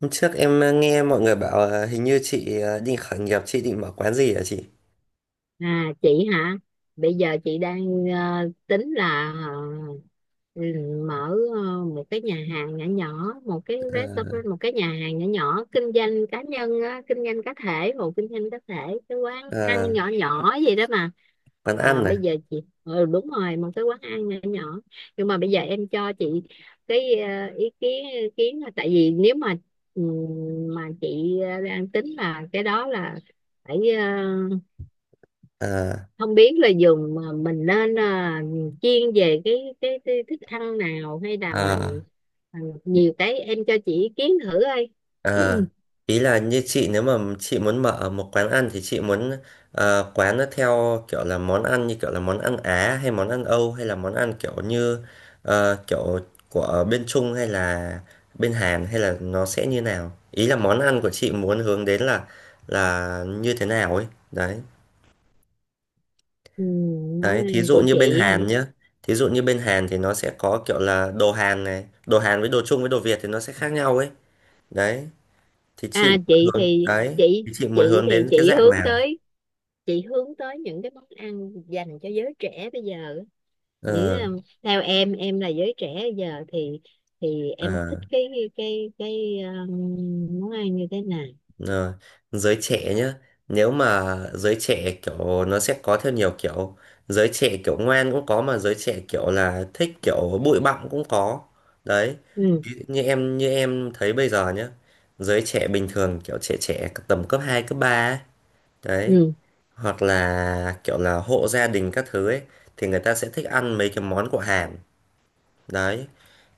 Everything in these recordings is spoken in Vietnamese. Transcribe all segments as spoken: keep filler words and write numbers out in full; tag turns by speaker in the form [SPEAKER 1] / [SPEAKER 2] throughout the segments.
[SPEAKER 1] Hôm trước em ờ, nghe mọi người bảo ờ, hình như chị ờ, định khởi nghiệp, chị định mở quán gì hả chị?
[SPEAKER 2] À chị hả? Bây giờ chị đang ờ, tính là ờ, mở ờ, một cái nhà hàng nhỏ nhỏ, một cái
[SPEAKER 1] Ờ,
[SPEAKER 2] restaurant, một cái nhà hàng nhỏ nhỏ kinh doanh cá nhân á, kinh doanh cá thể, hộ kinh doanh cá thể, cái quán
[SPEAKER 1] ờ,
[SPEAKER 2] ăn nhỏ nhỏ gì đó mà.
[SPEAKER 1] quán
[SPEAKER 2] À,
[SPEAKER 1] ăn này.
[SPEAKER 2] bây giờ chị ừ, đúng rồi, một cái quán ăn nhỏ nhỏ. Nhưng mà bây giờ em cho chị cái ờ, ý kiến ý kiến là tại vì nếu mà ừm, mà chị ờ, đang tính là cái đó là phải ờ,
[SPEAKER 1] Ờ,
[SPEAKER 2] không biết là dùng mà mình nên à, chiên về cái, cái cái thức ăn nào hay là
[SPEAKER 1] ờ,
[SPEAKER 2] mình à, nhiều cái em cho chị ý kiến thử ơi
[SPEAKER 1] ờ. Ý là như chị, nếu mà chị muốn mở một quán ăn thì chị muốn ờ, quán nó theo kiểu là món ăn, như kiểu là món ăn Á hay món ăn Âu, hay là món ăn kiểu như ờ, kiểu của bên Trung hay là bên Hàn, hay là nó sẽ như nào? Ý là món ăn của chị muốn hướng đến là là như thế nào ấy. Đấy.
[SPEAKER 2] ừ, món
[SPEAKER 1] Đấy, thí
[SPEAKER 2] ăn
[SPEAKER 1] dụ
[SPEAKER 2] của
[SPEAKER 1] như bên
[SPEAKER 2] chị hả
[SPEAKER 1] Hàn nhá. Thí dụ như bên Hàn thì nó sẽ có kiểu là đồ Hàn này, đồ Hàn với đồ Trung với đồ Việt thì nó sẽ khác nhau ấy. Đấy, thì chị
[SPEAKER 2] à
[SPEAKER 1] muốn
[SPEAKER 2] chị
[SPEAKER 1] hướng
[SPEAKER 2] thì
[SPEAKER 1] đấy,
[SPEAKER 2] chị
[SPEAKER 1] thì chị muốn
[SPEAKER 2] chị
[SPEAKER 1] hướng
[SPEAKER 2] thì
[SPEAKER 1] đến cái
[SPEAKER 2] chị
[SPEAKER 1] dạng
[SPEAKER 2] hướng
[SPEAKER 1] nào?
[SPEAKER 2] tới chị hướng tới những cái món ăn dành cho giới trẻ bây giờ những
[SPEAKER 1] Ờ,
[SPEAKER 2] um, theo em em là giới trẻ bây giờ thì thì
[SPEAKER 1] ờ,
[SPEAKER 2] em thích cái cái cái um, món ăn như thế nào.
[SPEAKER 1] ờ. Giới trẻ nhá. Nếu mà giới trẻ kiểu, nó sẽ có theo nhiều kiểu: giới trẻ kiểu ngoan cũng có, mà giới trẻ kiểu là thích kiểu bụi bặm cũng có. Đấy,
[SPEAKER 2] Ừ.
[SPEAKER 1] ví dụ như em, như em thấy bây giờ nhá. Giới trẻ bình thường, kiểu trẻ trẻ, tầm cấp hai cấp ba ấy. Đấy,
[SPEAKER 2] Ừ.
[SPEAKER 1] hoặc là kiểu là hộ gia đình các thứ ấy, thì người ta sẽ thích ăn mấy cái món của Hàn. Đấy,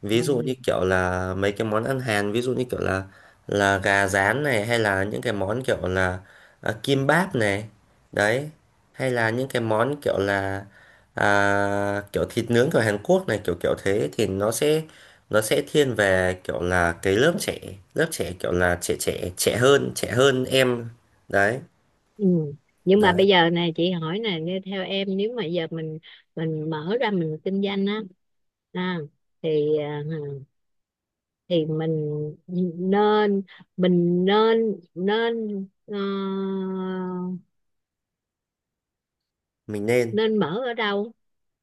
[SPEAKER 1] ví dụ như
[SPEAKER 2] Wow.
[SPEAKER 1] kiểu là mấy cái món ăn Hàn, ví dụ như kiểu là là gà rán này, hay là những cái món kiểu là à, kim báp này. Đấy, hay là những cái món kiểu là à, kiểu thịt nướng của Hàn Quốc này, kiểu kiểu thế thì nó sẽ nó sẽ thiên về kiểu là cái lớp trẻ, lớp trẻ kiểu là trẻ trẻ, trẻ hơn, trẻ hơn em. Đấy.
[SPEAKER 2] Ừ. Nhưng mà
[SPEAKER 1] Đấy,
[SPEAKER 2] bây giờ này chị hỏi nè nghe theo em nếu mà giờ mình mình mở ra mình kinh doanh á, à, thì à, thì mình nên mình nên nên ờ,
[SPEAKER 1] mình nên
[SPEAKER 2] nên mở ở đâu,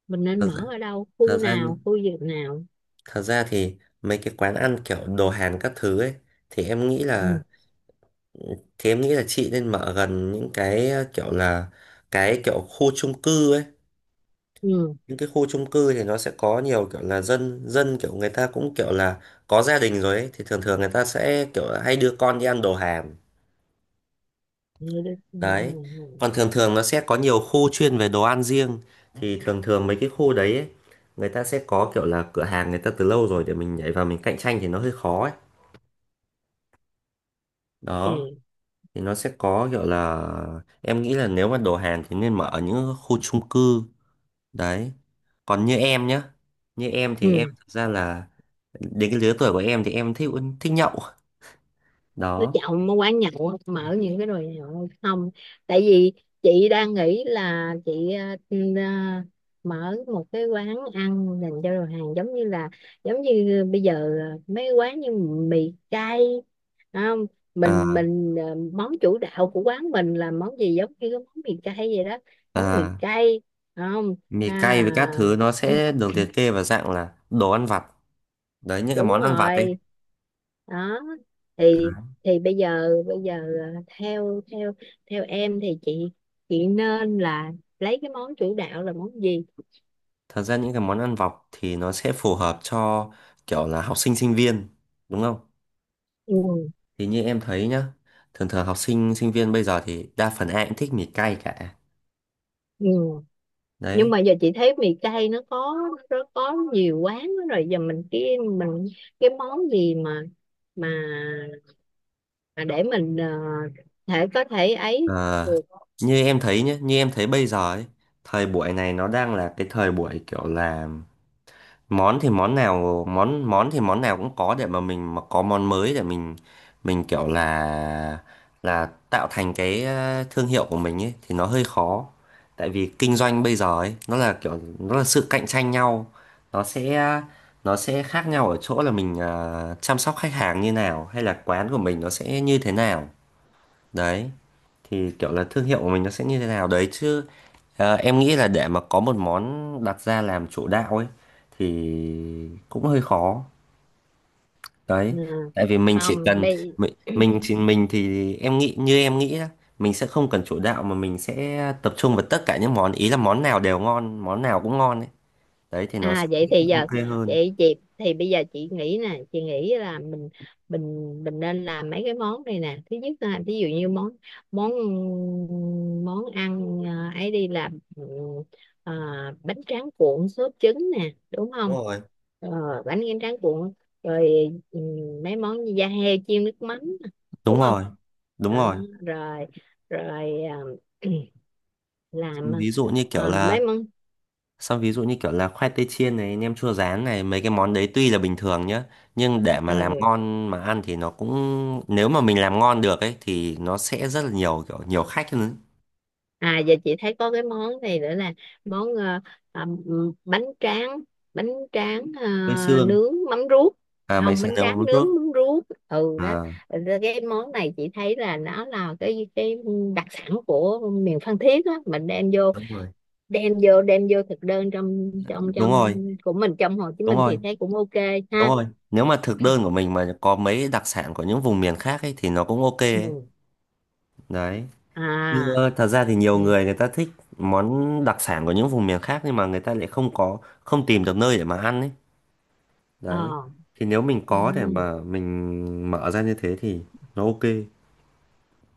[SPEAKER 2] mình nên mở ở đâu
[SPEAKER 1] thật
[SPEAKER 2] khu
[SPEAKER 1] ra,
[SPEAKER 2] nào khu vực nào?
[SPEAKER 1] thật ra thì mấy cái quán ăn kiểu đồ Hàn các thứ ấy, thì em nghĩ là,
[SPEAKER 2] Ừ.
[SPEAKER 1] thì em nghĩ là chị nên mở gần những cái ờ, kiểu là cái kiểu khu chung cư ấy.
[SPEAKER 2] Ừ.
[SPEAKER 1] Những cái khu chung cư thì nó sẽ có nhiều kiểu là dân dân, kiểu người ta cũng kiểu là có gia đình rồi ấy, thì thường thường người ta sẽ kiểu là hay đưa con đi ăn đồ Hàn.
[SPEAKER 2] Vậy đó. Ừ.
[SPEAKER 1] Đấy,
[SPEAKER 2] Ừ. Ừ.
[SPEAKER 1] còn thường thường nó sẽ có nhiều khu chuyên về đồ ăn riêng, thì thường thường mấy cái khu đấy ấy, người ta sẽ có kiểu là cửa hàng, người ta từ lâu rồi, để mình nhảy vào mình cạnh tranh thì nó hơi khó ấy. Đó,
[SPEAKER 2] Ok.
[SPEAKER 1] thì nó sẽ có kiểu là em nghĩ là nếu mà đồ Hàn thì nên mở ở những khu chung cư. Đấy, còn như em nhá, như em thì em
[SPEAKER 2] Ừ.
[SPEAKER 1] thực ra là đến cái lứa tuổi của em thì em thích, thích nhậu.
[SPEAKER 2] Đứa
[SPEAKER 1] Đó.
[SPEAKER 2] chồng nó quán nhậu mở những cái đồ nhậu không, tại vì chị đang nghĩ là chị ờ, ừ, ờ, mở một cái quán ăn dành cho đồ hàng giống như là giống như bây giờ ờ, mấy quán như mì cay, phải không? Mình
[SPEAKER 1] À,
[SPEAKER 2] mình ờ, món chủ đạo của quán mình là món gì giống như cái món mì cay vậy đó, món mì
[SPEAKER 1] à
[SPEAKER 2] cay, phải không?
[SPEAKER 1] mì cay với các
[SPEAKER 2] À
[SPEAKER 1] thứ nó sẽ được liệt kê vào dạng là đồ ăn vặt. Đấy, những cái
[SPEAKER 2] đúng
[SPEAKER 1] món ăn vặt ấy.
[SPEAKER 2] rồi. Đó, thì
[SPEAKER 1] Đấy.
[SPEAKER 2] thì bây giờ bây giờ ờ, theo theo theo em thì chị chị nên là lấy cái món chủ đạo là món gì.
[SPEAKER 1] Thật ra những cái món ăn vặt thì nó sẽ phù hợp cho kiểu là học sinh sinh viên, đúng không?
[SPEAKER 2] Ừ.
[SPEAKER 1] Thì như em thấy nhá, thường thường học sinh sinh viên bây giờ thì đa phần ai cũng thích mì cay cả.
[SPEAKER 2] Ừ. Nhưng
[SPEAKER 1] Đấy.
[SPEAKER 2] mà giờ chị thấy mì cay nó có nó có nhiều quán lắm rồi, giờ mình cái mình cái món gì mà mà mà để mình ờ, thể có thể ấy
[SPEAKER 1] Ờ,
[SPEAKER 2] được.
[SPEAKER 1] như em thấy nhé, như em thấy bây giờ ấy, thời buổi này nó đang là cái thời buổi kiểu là món thì món nào, món món thì món nào cũng có, để mà mình mà có món mới, để mình mình kiểu là là tạo thành cái ờ, thương hiệu của mình ấy thì nó hơi khó. Tại vì kinh doanh bây giờ ấy, nó là kiểu, nó là sự cạnh tranh nhau. Nó sẽ nó sẽ khác nhau ở chỗ là mình ờ, chăm sóc khách hàng như nào, hay là quán của mình nó sẽ như thế nào. Đấy, thì kiểu là thương hiệu của mình nó sẽ như thế nào đấy chứ. Ờ, em nghĩ là để mà có một món đặt ra làm chủ đạo ấy thì cũng hơi khó. Đấy,
[SPEAKER 2] Ờ,
[SPEAKER 1] tại vì mình chỉ
[SPEAKER 2] không
[SPEAKER 1] cần,
[SPEAKER 2] bây
[SPEAKER 1] mình mình chỉ mình thì em nghĩ, như em nghĩ đó, mình sẽ không cần chủ đạo, mà mình sẽ tập trung vào tất cả những món, ý là món nào đều ngon, món nào cũng ngon ấy. Đấy, thì nó
[SPEAKER 2] à
[SPEAKER 1] sẽ
[SPEAKER 2] vậy thì giờ
[SPEAKER 1] ok hơn.
[SPEAKER 2] vậy chị thì bây giờ chị nghĩ nè, chị nghĩ là mình mình mình nên làm mấy cái món này nè. Thứ nhất là ví dụ như món món món ăn à, ấy đi làm ừ, à, bánh tráng cuộn sốt trứng nè, đúng
[SPEAKER 1] Đúng
[SPEAKER 2] không?
[SPEAKER 1] rồi.
[SPEAKER 2] Ờ, bánh tráng tráng cuộn rồi ừ, mấy món như da heo chiên nước mắm nè,
[SPEAKER 1] Đúng
[SPEAKER 2] đúng không?
[SPEAKER 1] rồi, đúng
[SPEAKER 2] Đó,
[SPEAKER 1] rồi,
[SPEAKER 2] rồi rồi à, làm
[SPEAKER 1] ví dụ như kiểu
[SPEAKER 2] à,
[SPEAKER 1] là,
[SPEAKER 2] mấy món
[SPEAKER 1] xong ví dụ như kiểu là khoai tây chiên này, nem chua rán này. Mấy cái món đấy tuy là bình thường nhá, nhưng để mà làm
[SPEAKER 2] ờ,
[SPEAKER 1] ngon mà ăn thì nó cũng, nếu mà mình làm ngon được ấy thì nó sẽ rất là nhiều kiểu, nhiều khách hơn.
[SPEAKER 2] à giờ chị thấy có cái món này nữa là món ờ, à, m- bánh tráng bánh tráng ờ,
[SPEAKER 1] Với xương,
[SPEAKER 2] nướng mắm ruốc
[SPEAKER 1] à mày
[SPEAKER 2] không,
[SPEAKER 1] sẽ
[SPEAKER 2] bánh
[SPEAKER 1] nướng
[SPEAKER 2] tráng
[SPEAKER 1] một
[SPEAKER 2] nướng
[SPEAKER 1] chút.
[SPEAKER 2] mắm ruốc ừ đó.
[SPEAKER 1] À
[SPEAKER 2] Rồi cái món này chị thấy là nó là cái cái đặc sản của miền Phan Thiết á, mình đem vô
[SPEAKER 1] đúng rồi.
[SPEAKER 2] đem vô đem vô thực đơn trong trong
[SPEAKER 1] Đúng
[SPEAKER 2] trong
[SPEAKER 1] rồi,
[SPEAKER 2] của mình trong Hồ Chí
[SPEAKER 1] đúng
[SPEAKER 2] Minh
[SPEAKER 1] rồi,
[SPEAKER 2] thì thấy cũng ok
[SPEAKER 1] đúng
[SPEAKER 2] ha.
[SPEAKER 1] rồi. Nếu mà thực đơn của mình mà có mấy đặc sản của những vùng miền khác ấy thì nó cũng ok ấy.
[SPEAKER 2] Ừ.
[SPEAKER 1] Đấy. Như
[SPEAKER 2] À.
[SPEAKER 1] ờ, thật ra thì nhiều
[SPEAKER 2] Ừ.
[SPEAKER 1] người, người ta thích món đặc sản của những vùng miền khác, nhưng mà người ta lại không có, không tìm được nơi để mà ăn ấy. Đấy,
[SPEAKER 2] Ờ.
[SPEAKER 1] thì nếu mình
[SPEAKER 2] À.
[SPEAKER 1] có để mà mình mở ra như thế thì nó ok.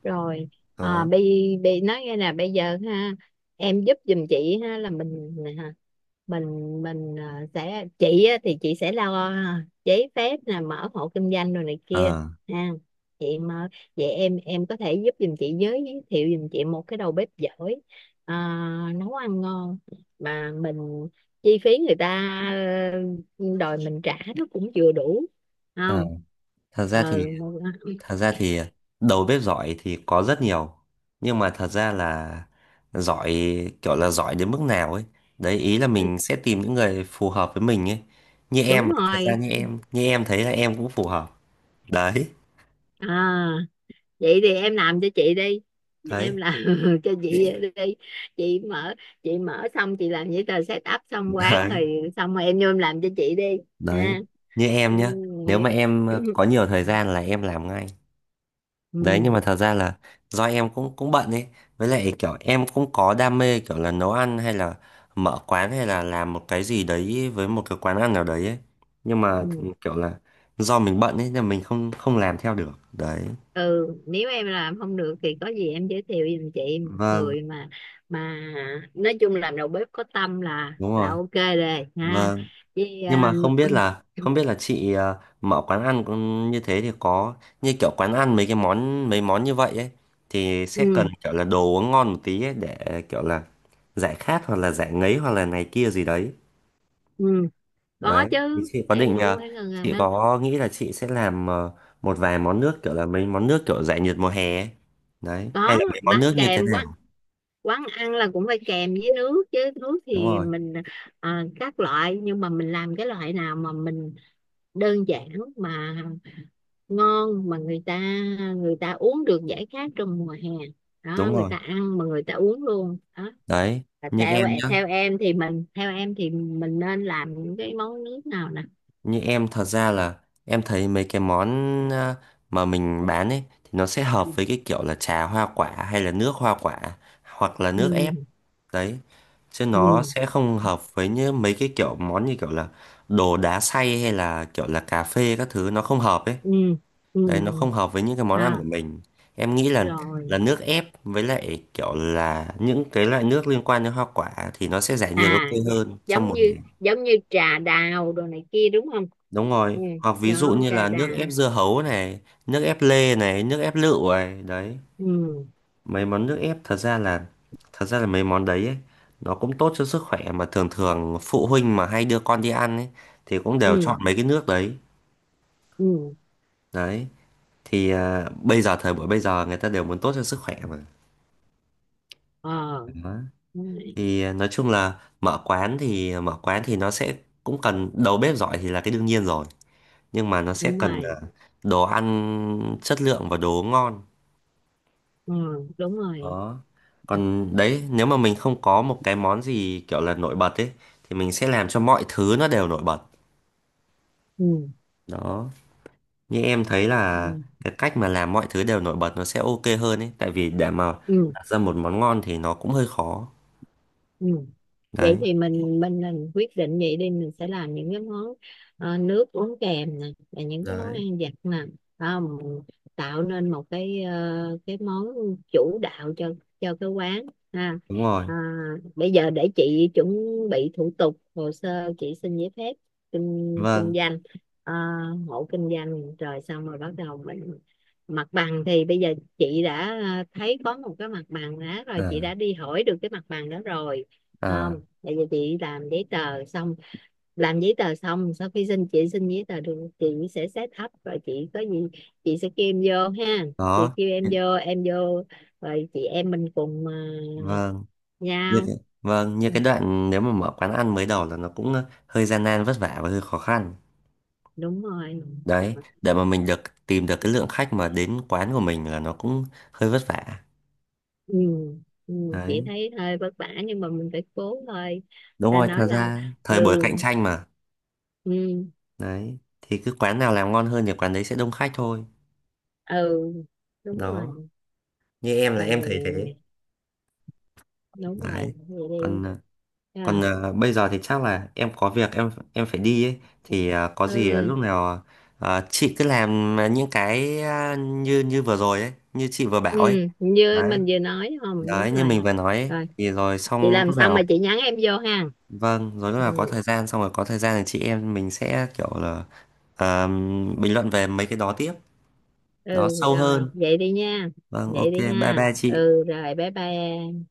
[SPEAKER 2] Rồi à,
[SPEAKER 1] Đó.
[SPEAKER 2] bị bị nói nghe nè bây giờ ha em giúp giùm chị ha là mình à, mình mình à, sẽ chị á, thì chị sẽ lo à, giấy phép nè mở hộ kinh doanh rồi này kia
[SPEAKER 1] Ờ.
[SPEAKER 2] ha chị mà vậy em em có thể giúp giùm chị giới thiệu giùm chị một cái đầu bếp giỏi à, nấu ăn ngon mà mình chi phí người ta ờ, đòi mình trả nó cũng vừa đủ
[SPEAKER 1] Ờ.
[SPEAKER 2] không.
[SPEAKER 1] Thật ra
[SPEAKER 2] Ừ,
[SPEAKER 1] thì, thật ra thì đầu bếp giỏi thì có rất nhiều, nhưng mà thật ra là giỏi, kiểu là giỏi đến mức nào ấy. Đấy, ý là mình sẽ tìm những người phù hợp với mình ấy, như
[SPEAKER 2] đúng
[SPEAKER 1] em, thật ra,
[SPEAKER 2] rồi
[SPEAKER 1] như em như em thấy là em cũng phù hợp. Đấy.
[SPEAKER 2] à vậy thì em làm cho chị đi, em
[SPEAKER 1] Đấy.
[SPEAKER 2] làm cho chị đi, chị mở chị mở xong chị làm giấy tờ set up xong quán
[SPEAKER 1] Đấy.
[SPEAKER 2] rồi xong rồi em vô em làm cho chị đi
[SPEAKER 1] Đấy,
[SPEAKER 2] ha.
[SPEAKER 1] như em
[SPEAKER 2] Ừ.
[SPEAKER 1] nhá, nếu mà em có nhiều thời gian là em làm ngay. Đấy, nhưng
[SPEAKER 2] Ừ.
[SPEAKER 1] mà thật ra là do em cũng cũng bận ấy, với lại kiểu em cũng có đam mê kiểu là nấu ăn, hay là mở quán, hay là làm một cái gì đấy với một cái quán ăn nào đấy ấy. Nhưng mà
[SPEAKER 2] Ừ.
[SPEAKER 1] kiểu là do mình bận ấy, nên mình không không làm theo được. Đấy.
[SPEAKER 2] Ừ, nếu em làm không được thì có gì em giới thiệu giùm chị một
[SPEAKER 1] Vâng,
[SPEAKER 2] người mà mà nói chung làm đầu bếp có tâm là
[SPEAKER 1] đúng
[SPEAKER 2] là
[SPEAKER 1] rồi.
[SPEAKER 2] ok rồi ha
[SPEAKER 1] Vâng,
[SPEAKER 2] vì
[SPEAKER 1] nhưng mà
[SPEAKER 2] um,
[SPEAKER 1] không biết là không biết là chị ờ, mở quán ăn cũng như thế thì có, như kiểu quán ăn mấy cái món, mấy món như vậy ấy, thì sẽ cần
[SPEAKER 2] ừ,
[SPEAKER 1] kiểu là đồ uống ngon một tí ấy, để kiểu là giải khát, hoặc là giải ngấy, hoặc là này kia gì đấy.
[SPEAKER 2] ừ. Có
[SPEAKER 1] Đấy, thì
[SPEAKER 2] chứ,
[SPEAKER 1] chị có
[SPEAKER 2] em
[SPEAKER 1] định
[SPEAKER 2] cũng
[SPEAKER 1] ờ,
[SPEAKER 2] phải gần gần
[SPEAKER 1] chị
[SPEAKER 2] đó
[SPEAKER 1] có nghĩ là chị sẽ làm ờ, một vài món nước, kiểu là mấy món nước kiểu giải nhiệt mùa hè ấy. Đấy, hay
[SPEAKER 2] có
[SPEAKER 1] là mấy món
[SPEAKER 2] bán
[SPEAKER 1] nước như thế
[SPEAKER 2] kèm quán,
[SPEAKER 1] nào?
[SPEAKER 2] quán ăn là cũng phải kèm với nước chứ, nước
[SPEAKER 1] Đúng
[SPEAKER 2] thì
[SPEAKER 1] rồi,
[SPEAKER 2] mình à, các loại nhưng mà mình làm cái loại nào mà mình đơn giản mà ngon mà người ta người ta uống được giải khát trong mùa hè, đó
[SPEAKER 1] đúng
[SPEAKER 2] người
[SPEAKER 1] rồi.
[SPEAKER 2] ta ăn mà người ta uống luôn đó.
[SPEAKER 1] Đấy,
[SPEAKER 2] Và
[SPEAKER 1] như
[SPEAKER 2] theo
[SPEAKER 1] em nhá,
[SPEAKER 2] theo em thì mình theo em thì mình nên làm những cái món nước nào nè.
[SPEAKER 1] như em thật ra là em thấy mấy cái món ờ, mà mình bán ấy thì nó sẽ hợp với cái kiểu là trà hoa quả, hay là nước hoa quả, hoặc là nước ép.
[SPEAKER 2] Ừ.
[SPEAKER 1] Đấy, chứ nó
[SPEAKER 2] Ừ.
[SPEAKER 1] sẽ không hợp với như mấy cái kiểu món như kiểu là đồ đá xay, hay là kiểu là cà phê các thứ, nó không hợp ấy.
[SPEAKER 2] Ừ. Ừ.
[SPEAKER 1] Đấy, nó không hợp với những cái món ăn của
[SPEAKER 2] À,
[SPEAKER 1] mình. Em nghĩ là là
[SPEAKER 2] rồi
[SPEAKER 1] nước ép, với lại kiểu là những cái loại nước liên quan đến hoa quả thì nó sẽ giải nhiệt ok
[SPEAKER 2] à dạ,
[SPEAKER 1] hơn trong
[SPEAKER 2] giống
[SPEAKER 1] một
[SPEAKER 2] như
[SPEAKER 1] ngày.
[SPEAKER 2] giống như trà đào đồ này kia đúng không.
[SPEAKER 1] Đúng rồi,
[SPEAKER 2] Ừ,
[SPEAKER 1] hoặc ví dụ
[SPEAKER 2] đó
[SPEAKER 1] như
[SPEAKER 2] trà
[SPEAKER 1] là nước
[SPEAKER 2] đào.
[SPEAKER 1] ép dưa hấu này, nước ép lê này, nước ép lựu này. Đấy,
[SPEAKER 2] Ừ.
[SPEAKER 1] mấy món nước ép, thật ra là thật ra là mấy món đấy ấy, nó cũng tốt cho sức khỏe, mà thường thường phụ huynh mà hay đưa con đi ăn ấy thì cũng đều
[SPEAKER 2] Ừ.
[SPEAKER 1] chọn mấy cái nước đấy.
[SPEAKER 2] Ừ.
[SPEAKER 1] Đấy, thì à, bây giờ thời buổi bây giờ người ta đều muốn tốt cho sức khỏe mà.
[SPEAKER 2] Ờ.
[SPEAKER 1] Đó.
[SPEAKER 2] Đúng rồi,
[SPEAKER 1] Thì ờ, nói chung là mở quán, thì ờ, mở quán thì nó sẽ cũng cần đầu bếp giỏi thì là cái đương nhiên rồi, nhưng mà nó sẽ
[SPEAKER 2] đúng
[SPEAKER 1] cần à,
[SPEAKER 2] rồi,
[SPEAKER 1] đồ ăn chất lượng và đồ ngon.
[SPEAKER 2] ừ, đúng rồi.
[SPEAKER 1] Đó. Còn đấy, nếu mà mình không có một cái món gì kiểu là nổi bật ấy thì mình sẽ làm cho mọi thứ nó đều nổi bật.
[SPEAKER 2] Ừ.
[SPEAKER 1] Đó, như em thấy là
[SPEAKER 2] Ừ.
[SPEAKER 1] cái cách mà làm mọi thứ đều nổi bật nó sẽ ok hơn ấy, tại vì để mà
[SPEAKER 2] Ừ.
[SPEAKER 1] đặt ra một món ngon thì nó cũng hơi khó.
[SPEAKER 2] Ừ. Vậy
[SPEAKER 1] Đấy.
[SPEAKER 2] thì mình mình mình quyết định vậy đi, mình sẽ làm những cái món ờ, nước uống kèm nè và những cái món
[SPEAKER 1] Đấy.
[SPEAKER 2] ăn vặt nè. Phải không mình tạo nên một cái ờ, cái món chủ đạo cho cho cái quán ha.
[SPEAKER 1] Đúng rồi.
[SPEAKER 2] À, bây giờ để chị chuẩn bị thủ tục hồ sơ chị xin giấy phép kinh kinh
[SPEAKER 1] Vâng.
[SPEAKER 2] doanh ờ, hộ kinh doanh rồi xong rồi bắt đầu mình mặt bằng thì bây giờ chị đã ờ, thấy có một cái mặt bằng đó rồi, chị đã
[SPEAKER 1] À.
[SPEAKER 2] đi hỏi được cái mặt bằng đó rồi
[SPEAKER 1] À.
[SPEAKER 2] không, tại vì chị làm giấy tờ xong, làm giấy tờ xong sau khi xin chị xin giấy tờ được chị sẽ set up rồi chị có gì chị sẽ kêu em vô ha, chị
[SPEAKER 1] Đó.
[SPEAKER 2] kêu em vô em vô rồi chị em mình cùng ờ,
[SPEAKER 1] vâng như
[SPEAKER 2] nhau.
[SPEAKER 1] cái, vâng, như
[SPEAKER 2] Ừ,
[SPEAKER 1] cái đoạn nếu mà mở quán ăn mới đầu là nó cũng ờ, hơi gian nan vất vả và hơi khó khăn.
[SPEAKER 2] đúng rồi.
[SPEAKER 1] Đấy, để mà mình được tìm được cái lượng khách mà đến quán của mình là nó cũng hơi vất vả.
[SPEAKER 2] Ừ. Ừ. Chị
[SPEAKER 1] Đấy,
[SPEAKER 2] thấy hơi vất vả nhưng mà mình phải cố thôi,
[SPEAKER 1] đúng
[SPEAKER 2] ta
[SPEAKER 1] rồi, thật
[SPEAKER 2] nói là
[SPEAKER 1] ra
[SPEAKER 2] ừ
[SPEAKER 1] thời buổi cạnh tranh mà.
[SPEAKER 2] ừ
[SPEAKER 1] Đấy, thì cứ quán nào làm ngon hơn thì quán đấy sẽ đông khách thôi.
[SPEAKER 2] ừ đúng
[SPEAKER 1] Đó,
[SPEAKER 2] rồi
[SPEAKER 1] như em
[SPEAKER 2] ừ,
[SPEAKER 1] là em thấy thế.
[SPEAKER 2] đúng rồi
[SPEAKER 1] Đấy,
[SPEAKER 2] vậy
[SPEAKER 1] còn
[SPEAKER 2] đi
[SPEAKER 1] ờ, Còn
[SPEAKER 2] à,
[SPEAKER 1] ờ, bây giờ thì chắc là em có việc, em em phải đi ấy, thì ờ, có gì, lúc
[SPEAKER 2] ừ
[SPEAKER 1] nào ờ, chị cứ làm những cái ờ, như như vừa rồi ấy, như chị vừa
[SPEAKER 2] ừ
[SPEAKER 1] bảo ấy.
[SPEAKER 2] như
[SPEAKER 1] Đấy,
[SPEAKER 2] mình vừa nói không
[SPEAKER 1] đấy
[SPEAKER 2] đúng
[SPEAKER 1] như mình
[SPEAKER 2] rồi,
[SPEAKER 1] vừa nói ấy,
[SPEAKER 2] rồi
[SPEAKER 1] thì rồi
[SPEAKER 2] chị
[SPEAKER 1] xong
[SPEAKER 2] làm
[SPEAKER 1] lúc
[SPEAKER 2] xong
[SPEAKER 1] nào,
[SPEAKER 2] mà chị nhắn em vô ha
[SPEAKER 1] vâng, rồi lúc
[SPEAKER 2] ừ,
[SPEAKER 1] nào có thời gian, xong rồi có thời gian thì chị em mình sẽ kiểu là ờ, bình luận về mấy cái đó tiếp, đó
[SPEAKER 2] ừ
[SPEAKER 1] sâu
[SPEAKER 2] rồi
[SPEAKER 1] hơn.
[SPEAKER 2] vậy đi nha,
[SPEAKER 1] Vâng,
[SPEAKER 2] vậy
[SPEAKER 1] ok,
[SPEAKER 2] đi
[SPEAKER 1] bye
[SPEAKER 2] ha
[SPEAKER 1] bye chị.
[SPEAKER 2] ừ rồi bye bye em.